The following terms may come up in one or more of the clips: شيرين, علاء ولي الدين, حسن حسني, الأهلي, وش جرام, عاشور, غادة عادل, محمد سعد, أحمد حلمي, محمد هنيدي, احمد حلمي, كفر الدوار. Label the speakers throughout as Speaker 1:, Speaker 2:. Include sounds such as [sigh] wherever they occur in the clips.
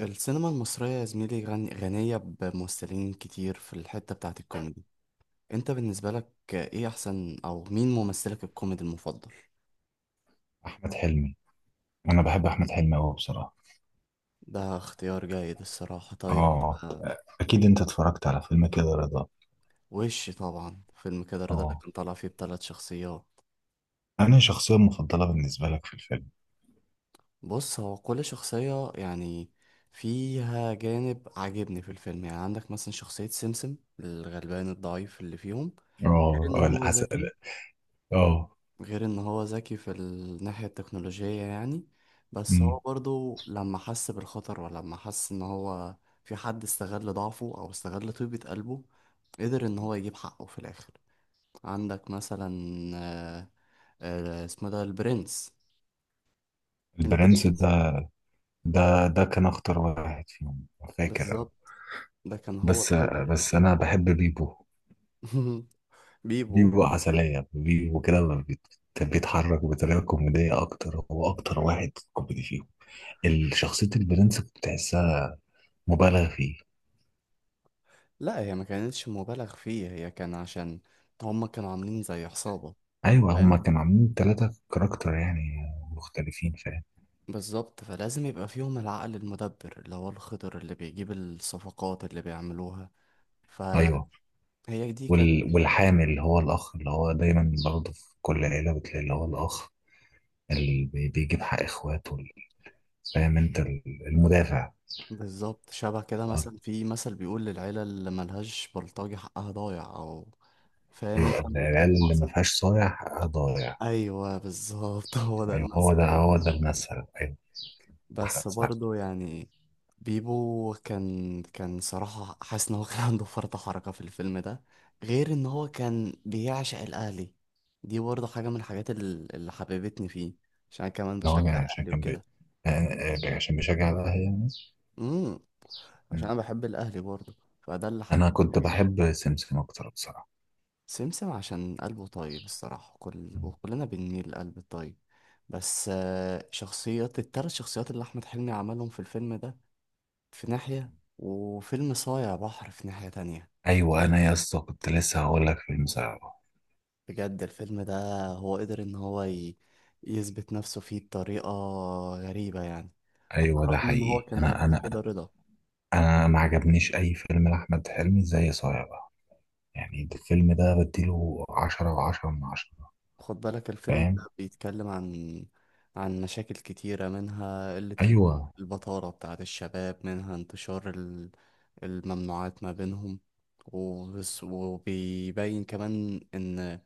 Speaker 1: السينما المصرية يا زميلي، غنية بممثلين كتير في الحتة بتاعت الكوميدي. انت بالنسبة لك ايه احسن، او مين ممثلك الكوميدي المفضل؟
Speaker 2: احمد حلمي. انا بحب احمد حلمي قوي بصراحه.
Speaker 1: ده اختيار جيد الصراحة. طيب.
Speaker 2: اه،
Speaker 1: آه.
Speaker 2: اكيد انت اتفرجت على فيلم كده رضا؟
Speaker 1: وش طبعا، فيلم كده رضا اللي
Speaker 2: اه.
Speaker 1: كان طالع فيه ب3 شخصيات.
Speaker 2: انا شخصيه مفضله بالنسبه لك في الفيلم؟
Speaker 1: بص، هو كل شخصية يعني فيها جانب عاجبني في الفيلم. يعني عندك مثلا شخصية سمسم، الغلبان الضعيف اللي فيهم، غير
Speaker 2: اه،
Speaker 1: ان
Speaker 2: آه،
Speaker 1: هو
Speaker 2: العسل.
Speaker 1: ذكي.
Speaker 2: اه.
Speaker 1: غير ان هو ذكي في الناحية التكنولوجية يعني. بس
Speaker 2: أمم.
Speaker 1: هو برضو لما حس بالخطر، ولما حس ان هو في حد استغل ضعفه او استغل طيبة قلبه، قدر ان هو يجيب حقه في الاخر. عندك مثلا، آه، اسمه ده البرنس.
Speaker 2: البرنس
Speaker 1: البرنس.
Speaker 2: ده كان اخطر واحد فيهم، فاكر أنا.
Speaker 1: بالظبط. ده كان هو
Speaker 2: بس
Speaker 1: الخطر اللي
Speaker 2: بس
Speaker 1: فيه.
Speaker 2: انا بحب بيبو.
Speaker 1: [laughs] بيبو.
Speaker 2: بيبو عسليه، بيبو كده ما بيت- بيتحرك بطريقه كوميديه اكتر، هو اكتر واحد كوميدي فيهم. الشخصيه البرنس كنت تحسها مبالغ فيه.
Speaker 1: لا، هي ما كانتش مبالغ فيه، هي كان عشان هما كانوا عاملين زي عصابة.
Speaker 2: ايوه، هما
Speaker 1: فاهم؟
Speaker 2: كانوا عاملين ثلاثة كاركتر يعني مختلفين، فاهم.
Speaker 1: بالظبط. فلازم يبقى فيهم العقل المدبر، اللي هو الخضر اللي بيجيب الصفقات اللي بيعملوها. فهي
Speaker 2: ايوه،
Speaker 1: دي كانت.
Speaker 2: والحامل اللي هو الاخ، اللي هو دايما برضه في كل عيلة بتلاقي اللي هو الاخ اللي بيجيب حق اخواته فاهم انت المدافع.
Speaker 1: بالظبط. شبه كده،
Speaker 2: اه،
Speaker 1: مثلا في مثل بيقول للعيلة اللي ملهاش بلطجي حقها ضايع، أو فاهم
Speaker 2: ايوه،
Speaker 1: انت
Speaker 2: العيال اللي ما
Speaker 1: المقصد؟
Speaker 2: فيهاش صايع حقها ضايع.
Speaker 1: أيوه، بالظبط. [laughs] هو ده
Speaker 2: ايوه، هو
Speaker 1: المثل
Speaker 2: ده
Speaker 1: يا
Speaker 2: هو
Speaker 1: زميلي.
Speaker 2: ده المثل، ايوه. احمد
Speaker 1: بس
Speaker 2: سعد.
Speaker 1: برضه يعني، بيبو كان صراحة حاسس ان هو كان عنده فرط حركة في الفيلم ده، غير ان هو كان بيعشق الاهلي. دي برضه حاجة من الحاجات اللي حببتني فيه، عشان أنا كمان
Speaker 2: اللي هو
Speaker 1: بشجع
Speaker 2: يعني عشان
Speaker 1: الاهلي
Speaker 2: كان بي...
Speaker 1: وكده.
Speaker 2: آه، آه، عشان بيشجع الاهلي يعني.
Speaker 1: امم. عشان
Speaker 2: مم.
Speaker 1: انا بحب الاهلي برضه، فده اللي
Speaker 2: انا
Speaker 1: حببني
Speaker 2: كنت
Speaker 1: فيه.
Speaker 2: بحب سمسم اكتر بصراحة.
Speaker 1: سمسم عشان قلبه طيب الصراحة، كل وكلنا بنميل للقلب الطيب. بس التلات شخصيات اللي احمد حلمي عملهم في الفيلم ده في ناحية، وفيلم صايع بحر في ناحية تانية.
Speaker 2: ايوه، انا يا اسطى كنت لسه هقول لك في المساعدة.
Speaker 1: بجد الفيلم ده هو قدر إن هو يثبت نفسه فيه بطريقة غريبة يعني، على
Speaker 2: ايوه، ده
Speaker 1: الرغم إن هو
Speaker 2: حقيقي.
Speaker 1: كان
Speaker 2: انا
Speaker 1: قبل كده
Speaker 2: انا
Speaker 1: رضا.
Speaker 2: انا ما عجبنيش اي فيلم لاحمد حلمي زي صايع بقى، يعني الفيلم ده بديله 10 و10 من 10،
Speaker 1: خد بالك الفيلم ده
Speaker 2: فاهم.
Speaker 1: بيتكلم عن مشاكل كتيرة، منها
Speaker 2: ايوه،
Speaker 1: البطالة بتاعت الشباب، منها انتشار الممنوعات ما بينهم وبس. وبيبين كمان إن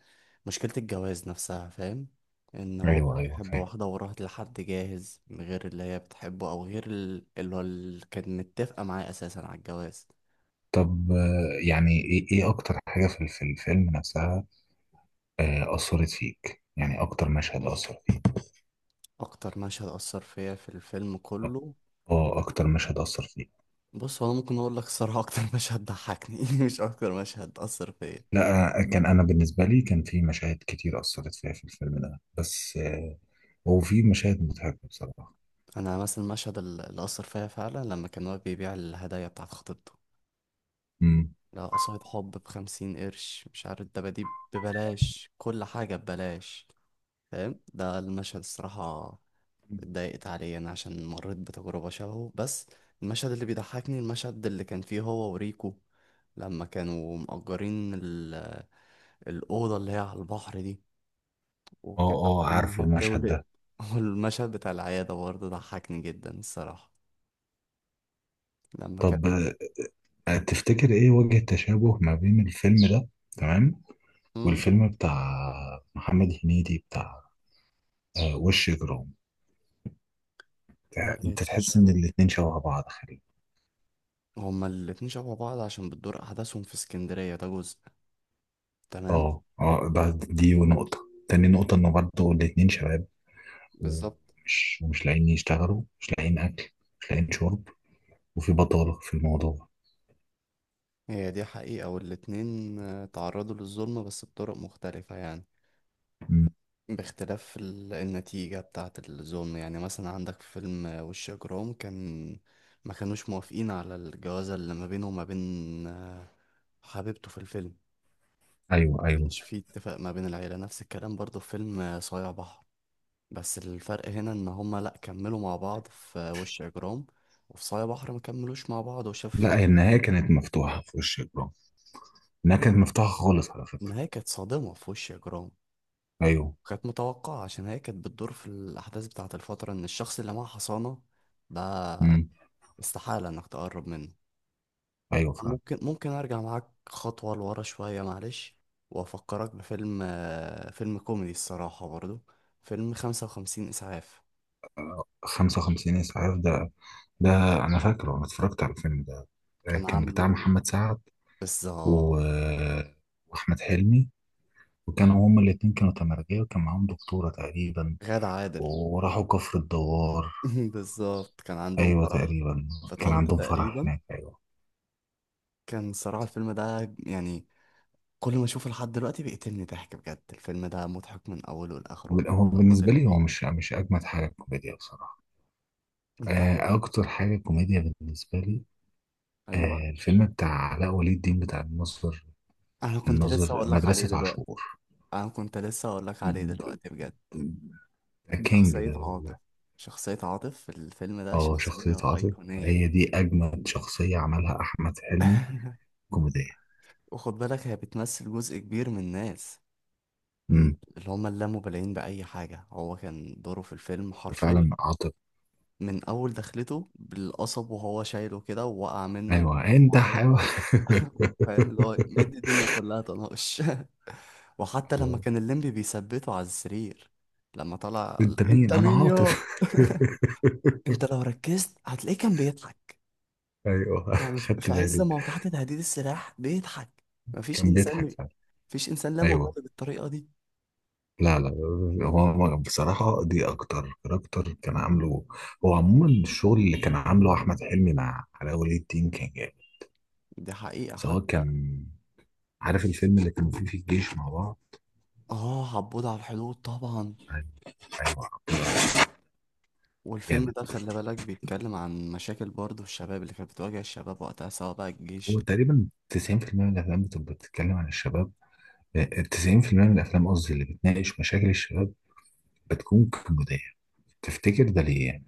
Speaker 1: مشكلة الجواز نفسها، فاهم، إن هو
Speaker 2: ايوه،
Speaker 1: كان
Speaker 2: ايوه،
Speaker 1: بيحب
Speaker 2: فاهم.
Speaker 1: واحدة وراحت لحد جاهز من غير اللي هي بتحبه، أو غير اللي كانت متفقة معاه أساسا على الجواز.
Speaker 2: طب، يعني ايه اكتر حاجه في الفيلم نفسها؟ اثرت فيك يعني، اكتر مشهد اثر فيك؟
Speaker 1: أكتر مشهد أثر فيا في الفيلم كله.
Speaker 2: اه، اكتر مشهد اثر فيك؟
Speaker 1: بص، هو انا ممكن اقول لك الصراحه اكتر مشهد ضحكني، [laughs] مش اكتر مشهد اثر فيا.
Speaker 2: لا، كان انا بالنسبه لي كان في مشاهد كتير اثرت فيها في الفيلم ده، بس. هو في مشاهد مضحكه بصراحه.
Speaker 1: انا مثلا المشهد اللي اثر فيا فعلا، لما كان واقف بيبيع الهدايا بتاعت خطيبته.
Speaker 2: امم.
Speaker 1: لا، قصايد حب ب50 قرش، مش عارف، الدباديب ببلاش، كل حاجه ببلاش. فاهم، ده المشهد الصراحه اتضايقت عليه انا عشان مريت بتجربه شبهه. بس المشهد اللي بيضحكني، المشهد اللي كان فيه هو وريكو، لما كانوا مأجرين الأوضة اللي هي على البحر دي، وكانت
Speaker 2: اه، اه،
Speaker 1: إنها
Speaker 2: عارفه المشهد
Speaker 1: بتولد.
Speaker 2: ده.
Speaker 1: [laughs] والمشهد بتاع العيادة برضه ضحكني جدا الصراحة لما كان.
Speaker 2: طب، تفتكر ايه وجه التشابه ما بين الفيلم ده، تمام،
Speaker 1: مم؟
Speaker 2: والفيلم بتاع محمد هنيدي بتاع وش جرام؟
Speaker 1: ولا
Speaker 2: انت
Speaker 1: انت مش
Speaker 2: تحس
Speaker 1: عارف.
Speaker 2: ان الاتنين شبه بعض خالي؟
Speaker 1: هما الاتنين شبه بعض عشان بتدور أحداثهم في اسكندرية، ده جزء. تمام.
Speaker 2: اه، اه،
Speaker 1: وال-
Speaker 2: دي نقطة. تاني نقطة انه برضه الاتنين شباب،
Speaker 1: بالظبط.
Speaker 2: ومش لاقيين يشتغلوا، مش لاقيين اكل، مش لاقيين شرب، وفي بطالة في الموضوع.
Speaker 1: هي دي حقيقة، والاتنين تعرضوا للظلم بس بطرق مختلفة يعني،
Speaker 2: مم.
Speaker 1: باختلاف النتيجة بتاعة الظلم. يعني مثلا عندك فيلم وش إجرام، كان ما كانوش موافقين على الجوازة اللي ما بينه وما بين حبيبته في الفيلم.
Speaker 2: ايوه، ايوه.
Speaker 1: مش في اتفاق ما بين العيلة، نفس الكلام برضو في فيلم صايع بحر. بس الفرق هنا ان هما لا كملوا مع بعض في وش اجرام، وفي صايع بحر ما كملوش مع بعض وشاف
Speaker 2: لا، هي النهاية كانت مفتوحة في وش جرام. النهاية كانت مفتوحة خالص على فكرة.
Speaker 1: النهاية كانت صادمة في وش اجرام.
Speaker 2: ايوه.
Speaker 1: كانت متوقعة عشان هي كانت بتدور في الاحداث بتاعة الفترة، ان الشخص اللي معاه حصانة ده
Speaker 2: مم.
Speaker 1: استحالة انك تقرب منه.
Speaker 2: ايوه فعلا.
Speaker 1: ممكن ارجع معاك خطوة لورا شوية، معلش، وافكرك بفيلم فيلم كوميدي الصراحة برضو، فيلم 55 اسعاف.
Speaker 2: 55 اسعاف ده. ده انا فاكره، انا اتفرجت على الفيلم ده.
Speaker 1: كان
Speaker 2: كان بتاع
Speaker 1: عامله.
Speaker 2: محمد سعد و...
Speaker 1: بالظبط.
Speaker 2: آه، واحمد حلمي، وكانوا هما الاتنين كانوا تمرجية، وكان معاهم دكتورة تقريبا،
Speaker 1: غادة عادل.
Speaker 2: وراحوا كفر الدوار.
Speaker 1: [laughs] بالظبط، كان عندهم
Speaker 2: ايوه
Speaker 1: فرح
Speaker 2: تقريبا.
Speaker 1: في
Speaker 2: كان
Speaker 1: طنطا
Speaker 2: عندهم فرح
Speaker 1: تقريبا.
Speaker 2: هناك، ايوه.
Speaker 1: كان صراحة الفيلم ده يعني كل ما اشوفه لحد دلوقتي بيقتلني ضحك، بجد الفيلم ده مضحك من اوله لاخره.
Speaker 2: هو
Speaker 1: اللقطات
Speaker 2: بالنسبة
Speaker 1: اللي
Speaker 2: لي هو
Speaker 1: فيه،
Speaker 2: مش اجمد حاجة كوميديا بصراحة.
Speaker 1: انت عارف؟
Speaker 2: اكتر حاجة كوميديا بالنسبة لي،
Speaker 1: ايوه.
Speaker 2: الفيلم بتاع علاء ولي الدين بتاع الناظر.
Speaker 1: انا كنت لسه
Speaker 2: الناظر
Speaker 1: اقول لك عليه
Speaker 2: مدرسة
Speaker 1: دلوقتي.
Speaker 2: عاشور
Speaker 1: انا كنت لسه اقول لك عليه دلوقتي بجد.
Speaker 2: ده كينج
Speaker 1: شخصية عاطف
Speaker 2: ده.
Speaker 1: شخصية عاطف في الفيلم ده
Speaker 2: اه، شخصية
Speaker 1: شخصية
Speaker 2: عاطف
Speaker 1: أيقونية.
Speaker 2: هي دي أجمل شخصية عملها أحمد حلمي
Speaker 1: [laughs]
Speaker 2: كوميدية.
Speaker 1: وخد بالك هي بتمثل جزء كبير من الناس. مم.
Speaker 2: امم.
Speaker 1: اللي هما اللامبالين بأي حاجة، هو كان دوره في الفيلم حرفيا
Speaker 2: وفعلا عاطف.
Speaker 1: من أول دخلته بالقصب وهو شايله كده ووقع منه.
Speaker 2: أيوه، أنت حيوان
Speaker 1: عادي.
Speaker 2: [laughs]
Speaker 1: [laughs] فاهم، اللي هو مدي الدنيا كلها طناش. [laughs] وحتى لما
Speaker 2: أيوه،
Speaker 1: كان الليمبي بيثبته على السرير، لما طلع
Speaker 2: أنت مين؟
Speaker 1: انت
Speaker 2: أنا
Speaker 1: مين يا.
Speaker 2: عاطف.
Speaker 1: [laughs]
Speaker 2: [laughs]
Speaker 1: انت لو ركزت هتلاقيه كان بيضحك.
Speaker 2: أيوه،
Speaker 1: يعني في
Speaker 2: خدت
Speaker 1: في عز
Speaker 2: بالي،
Speaker 1: ما هو تحت تهديد السلاح بيضحك. مفيش
Speaker 2: كان بيضحك
Speaker 1: انسان
Speaker 2: فعلا.
Speaker 1: مفيش انسان لا مبالي
Speaker 2: أيوه.
Speaker 1: بالطريقه دي.
Speaker 2: لا، لا، هو بصراحة دي أكتر كاركتر كان عامله. هو عموما الشغل اللي كان عامله أحمد حلمي مع علاء ولي الدين كان جامد،
Speaker 1: دي حقيقه.
Speaker 2: سواء
Speaker 1: حتى
Speaker 2: كان عارف الفيلم اللي كانوا فيه في الجيش مع بعض.
Speaker 1: اه، عبود على الحدود طبعا.
Speaker 2: أيوه، أيوه،
Speaker 1: والفيلم
Speaker 2: جامد.
Speaker 1: ده خلي بالك بيتكلم عن مشاكل برضه الشباب اللي كانت بتواجه الشباب وقتها، سواء بقى الجيش.
Speaker 2: هو تقريبا 90% من الافلام بتبقى بتتكلم عن الشباب. آه، 90% من الافلام قصدي اللي بتناقش مشاكل الشباب بتكون كوميدية. تفتكر ده ليه يعني؟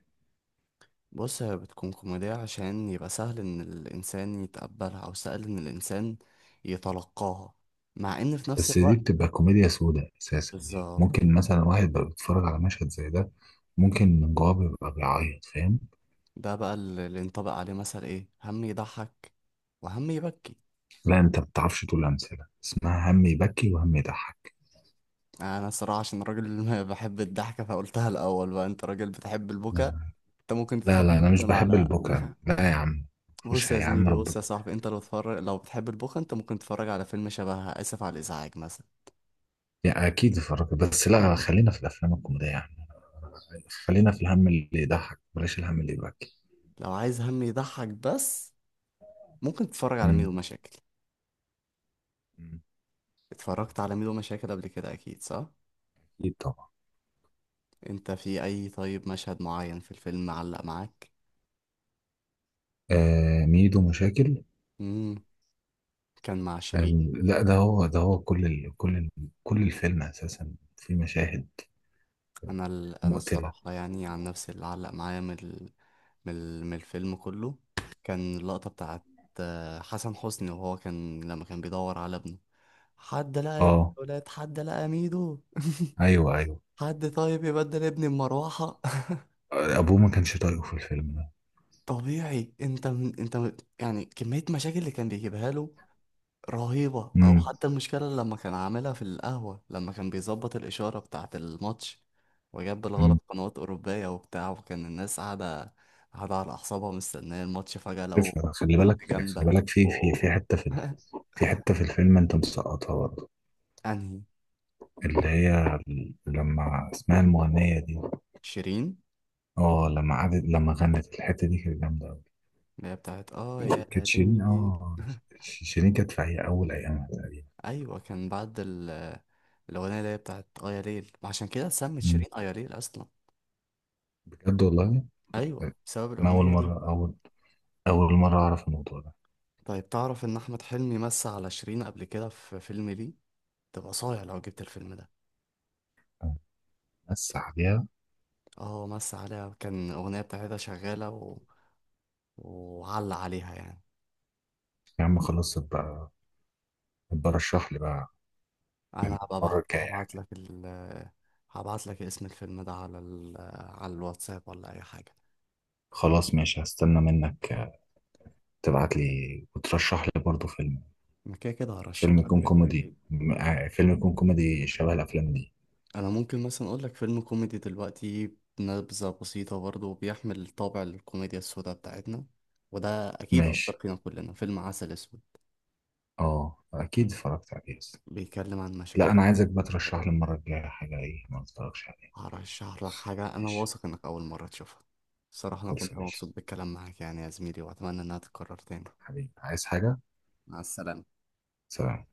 Speaker 1: بص، هي بتكون كوميدية عشان يبقى سهل ان الانسان يتقبلها، او سهل ان الانسان يتلقاها، مع ان في نفس
Speaker 2: بس دي
Speaker 1: الوقت.
Speaker 2: بتبقى كوميديا سوداء اساسا، يعني
Speaker 1: بالظبط.
Speaker 2: ممكن مثلا واحد بقى بيتفرج على مشهد زي ده، ممكن من جواه بيبقى بيعيط، فاهم.
Speaker 1: ده بقى اللي ينطبق عليه مثل ايه، هم يضحك وهم يبكي.
Speaker 2: لا، انت ما بتعرفش تقول امثله اسمها هم يبكي وهم يضحك.
Speaker 1: انا الصراحة عشان راجل ما بحب الضحكة فقلتها الاول، بقى انت راجل بتحب البكا،
Speaker 2: آه.
Speaker 1: انت ممكن
Speaker 2: لا،
Speaker 1: تفكر
Speaker 2: لا، انا مش
Speaker 1: أصلاً
Speaker 2: بحب
Speaker 1: على.
Speaker 2: البكا، لا يا عم. مفيش
Speaker 1: بص يا
Speaker 2: يا عم
Speaker 1: زميلي، بص
Speaker 2: رب.
Speaker 1: يا صاحبي، انت لو تتفرج، لو بتحب البوخ انت ممكن تتفرج على فيلم شبه اسف على الازعاج مثلا.
Speaker 2: يعني اكيد اتفرجت بس، لا
Speaker 1: [laughs]
Speaker 2: خلينا في الافلام الكوميديه، خلينا في الهم اللي يضحك، بلاش الهم اللي يبكي.
Speaker 1: لو عايز هم يضحك بس، ممكن تتفرج على
Speaker 2: مم.
Speaker 1: ميدو مشاكل.
Speaker 2: مم.
Speaker 1: اتفرجت على ميدو مشاكل قبل كده اكيد، صح؟
Speaker 2: اكيد طبعا.
Speaker 1: انت في اي طيب مشهد معين في الفيلم معلق معاك.
Speaker 2: آه، ميدو مشاكل.
Speaker 1: امم. كان مع
Speaker 2: آه،
Speaker 1: شيرين.
Speaker 2: لا، ده هو كل الفيلم اساسا، في مشاهد
Speaker 1: انا
Speaker 2: مقتلة.
Speaker 1: الصراحه يعني عن نفسي اللي علق معايا من الفيلم كله، كان اللقطه بتاعت حسن حسني. وهو لما كان بيدور على ابنه، حد لقى ابن
Speaker 2: اه،
Speaker 1: الولاد، حد لقى ميدو،
Speaker 2: ايوه، ايوه.
Speaker 1: حد طيب يبدل ابني بمروحة. [laughs]
Speaker 2: ابوه ما كانش طايقه في الفيلم ده.
Speaker 1: طبيعي، انت من انت من يعني كمية مشاكل اللي كان بيجيبها له رهيبة، او
Speaker 2: امم،
Speaker 1: حتى المشكلة اللي لما كان عاملها في القهوة لما كان بيظبط الإشارة بتاعة الماتش، وجاب
Speaker 2: امم.
Speaker 1: بالغلط قنوات أوروبية وبتاع، وكان الناس قاعدة على أعصابها مستنية الماتش، فجأة
Speaker 2: عارف،
Speaker 1: لقوا
Speaker 2: خلي بالك،
Speaker 1: بنت
Speaker 2: خلي
Speaker 1: جامدة.
Speaker 2: بالك،
Speaker 1: أوه. [laughs]
Speaker 2: في حتة في الفيلم انت مسقطها برضه.
Speaker 1: أنهي؟
Speaker 2: اللي هي لما اسمها المغنية دي.
Speaker 1: شيرين،
Speaker 2: اه، لما قعدت لما غنت الحتة دي كانت جامدة أوي.
Speaker 1: اللي هي بتاعت اه يا
Speaker 2: كانت شيرين
Speaker 1: ليل. [laughs]
Speaker 2: شيرين كانت في هي اول ايامها تقريبا.
Speaker 1: ايوه، كان بعد الاغنيه اللي هي بتاعت ايا ليل، ما عشان كده سمت
Speaker 2: مم.
Speaker 1: شيرين ايا ليل اصلا.
Speaker 2: بجد والله.
Speaker 1: ايوه بسبب
Speaker 2: انا اول
Speaker 1: الاغنيه دي.
Speaker 2: مره اعرف الموضوع ده.
Speaker 1: طيب، تعرف ان احمد حلمي مسى على شيرين قبل كده في فيلم، ليه تبقى صايع لو جبت الفيلم ده.
Speaker 2: بس عليها.
Speaker 1: اه مسى عليها، كان الاغنيه بتاعتها شغاله، وعلق عليها يعني.
Speaker 2: يا عم خلاص، ابقى رشح لي بقى
Speaker 1: انا هبقى
Speaker 2: المره
Speaker 1: ابعت
Speaker 2: الجايه
Speaker 1: هبعت
Speaker 2: يعني.
Speaker 1: لك ال هبعت لك اسم الفيلم ده على على الواتساب، ولا اي حاجه.
Speaker 2: خلاص ماشي، هستنى منك تبعت لي وترشح لي برضه فيلم.
Speaker 1: أنا كده كده
Speaker 2: فيلم
Speaker 1: هرشح لك
Speaker 2: يكون
Speaker 1: فيلم
Speaker 2: كوميدي
Speaker 1: اكيد.
Speaker 2: م- آه، فيلم يكون كوميدي شبه الافلام دي.
Speaker 1: انا ممكن مثلا اقول لك فيلم كوميدي دلوقتي، نبذة بسيطة برضه، بيحمل طابع الكوميديا السوداء بتاعتنا، وده اكيد اثر
Speaker 2: ماشي.
Speaker 1: فينا كلنا، فيلم عسل اسود.
Speaker 2: اه، اكيد اتفرجت عليه، بس
Speaker 1: بيتكلم عن
Speaker 2: لا،
Speaker 1: مشاكل
Speaker 2: انا عايزك بقى ترشح
Speaker 1: الشباب.
Speaker 2: لي المره الجايه حاجه ايه ما اتفرجش عليها.
Speaker 1: هرشح لك حاجة انا
Speaker 2: ماشي
Speaker 1: واثق انك اول مرة تشوفها. الصراحة انا
Speaker 2: خلص،
Speaker 1: كنت
Speaker 2: ماشي،
Speaker 1: مبسوط بالكلام معاك يعني يا زميلي، واتمنى انها تتكرر تاني.
Speaker 2: حبيبي عايز حاجة.
Speaker 1: مع السلامة.
Speaker 2: سلام.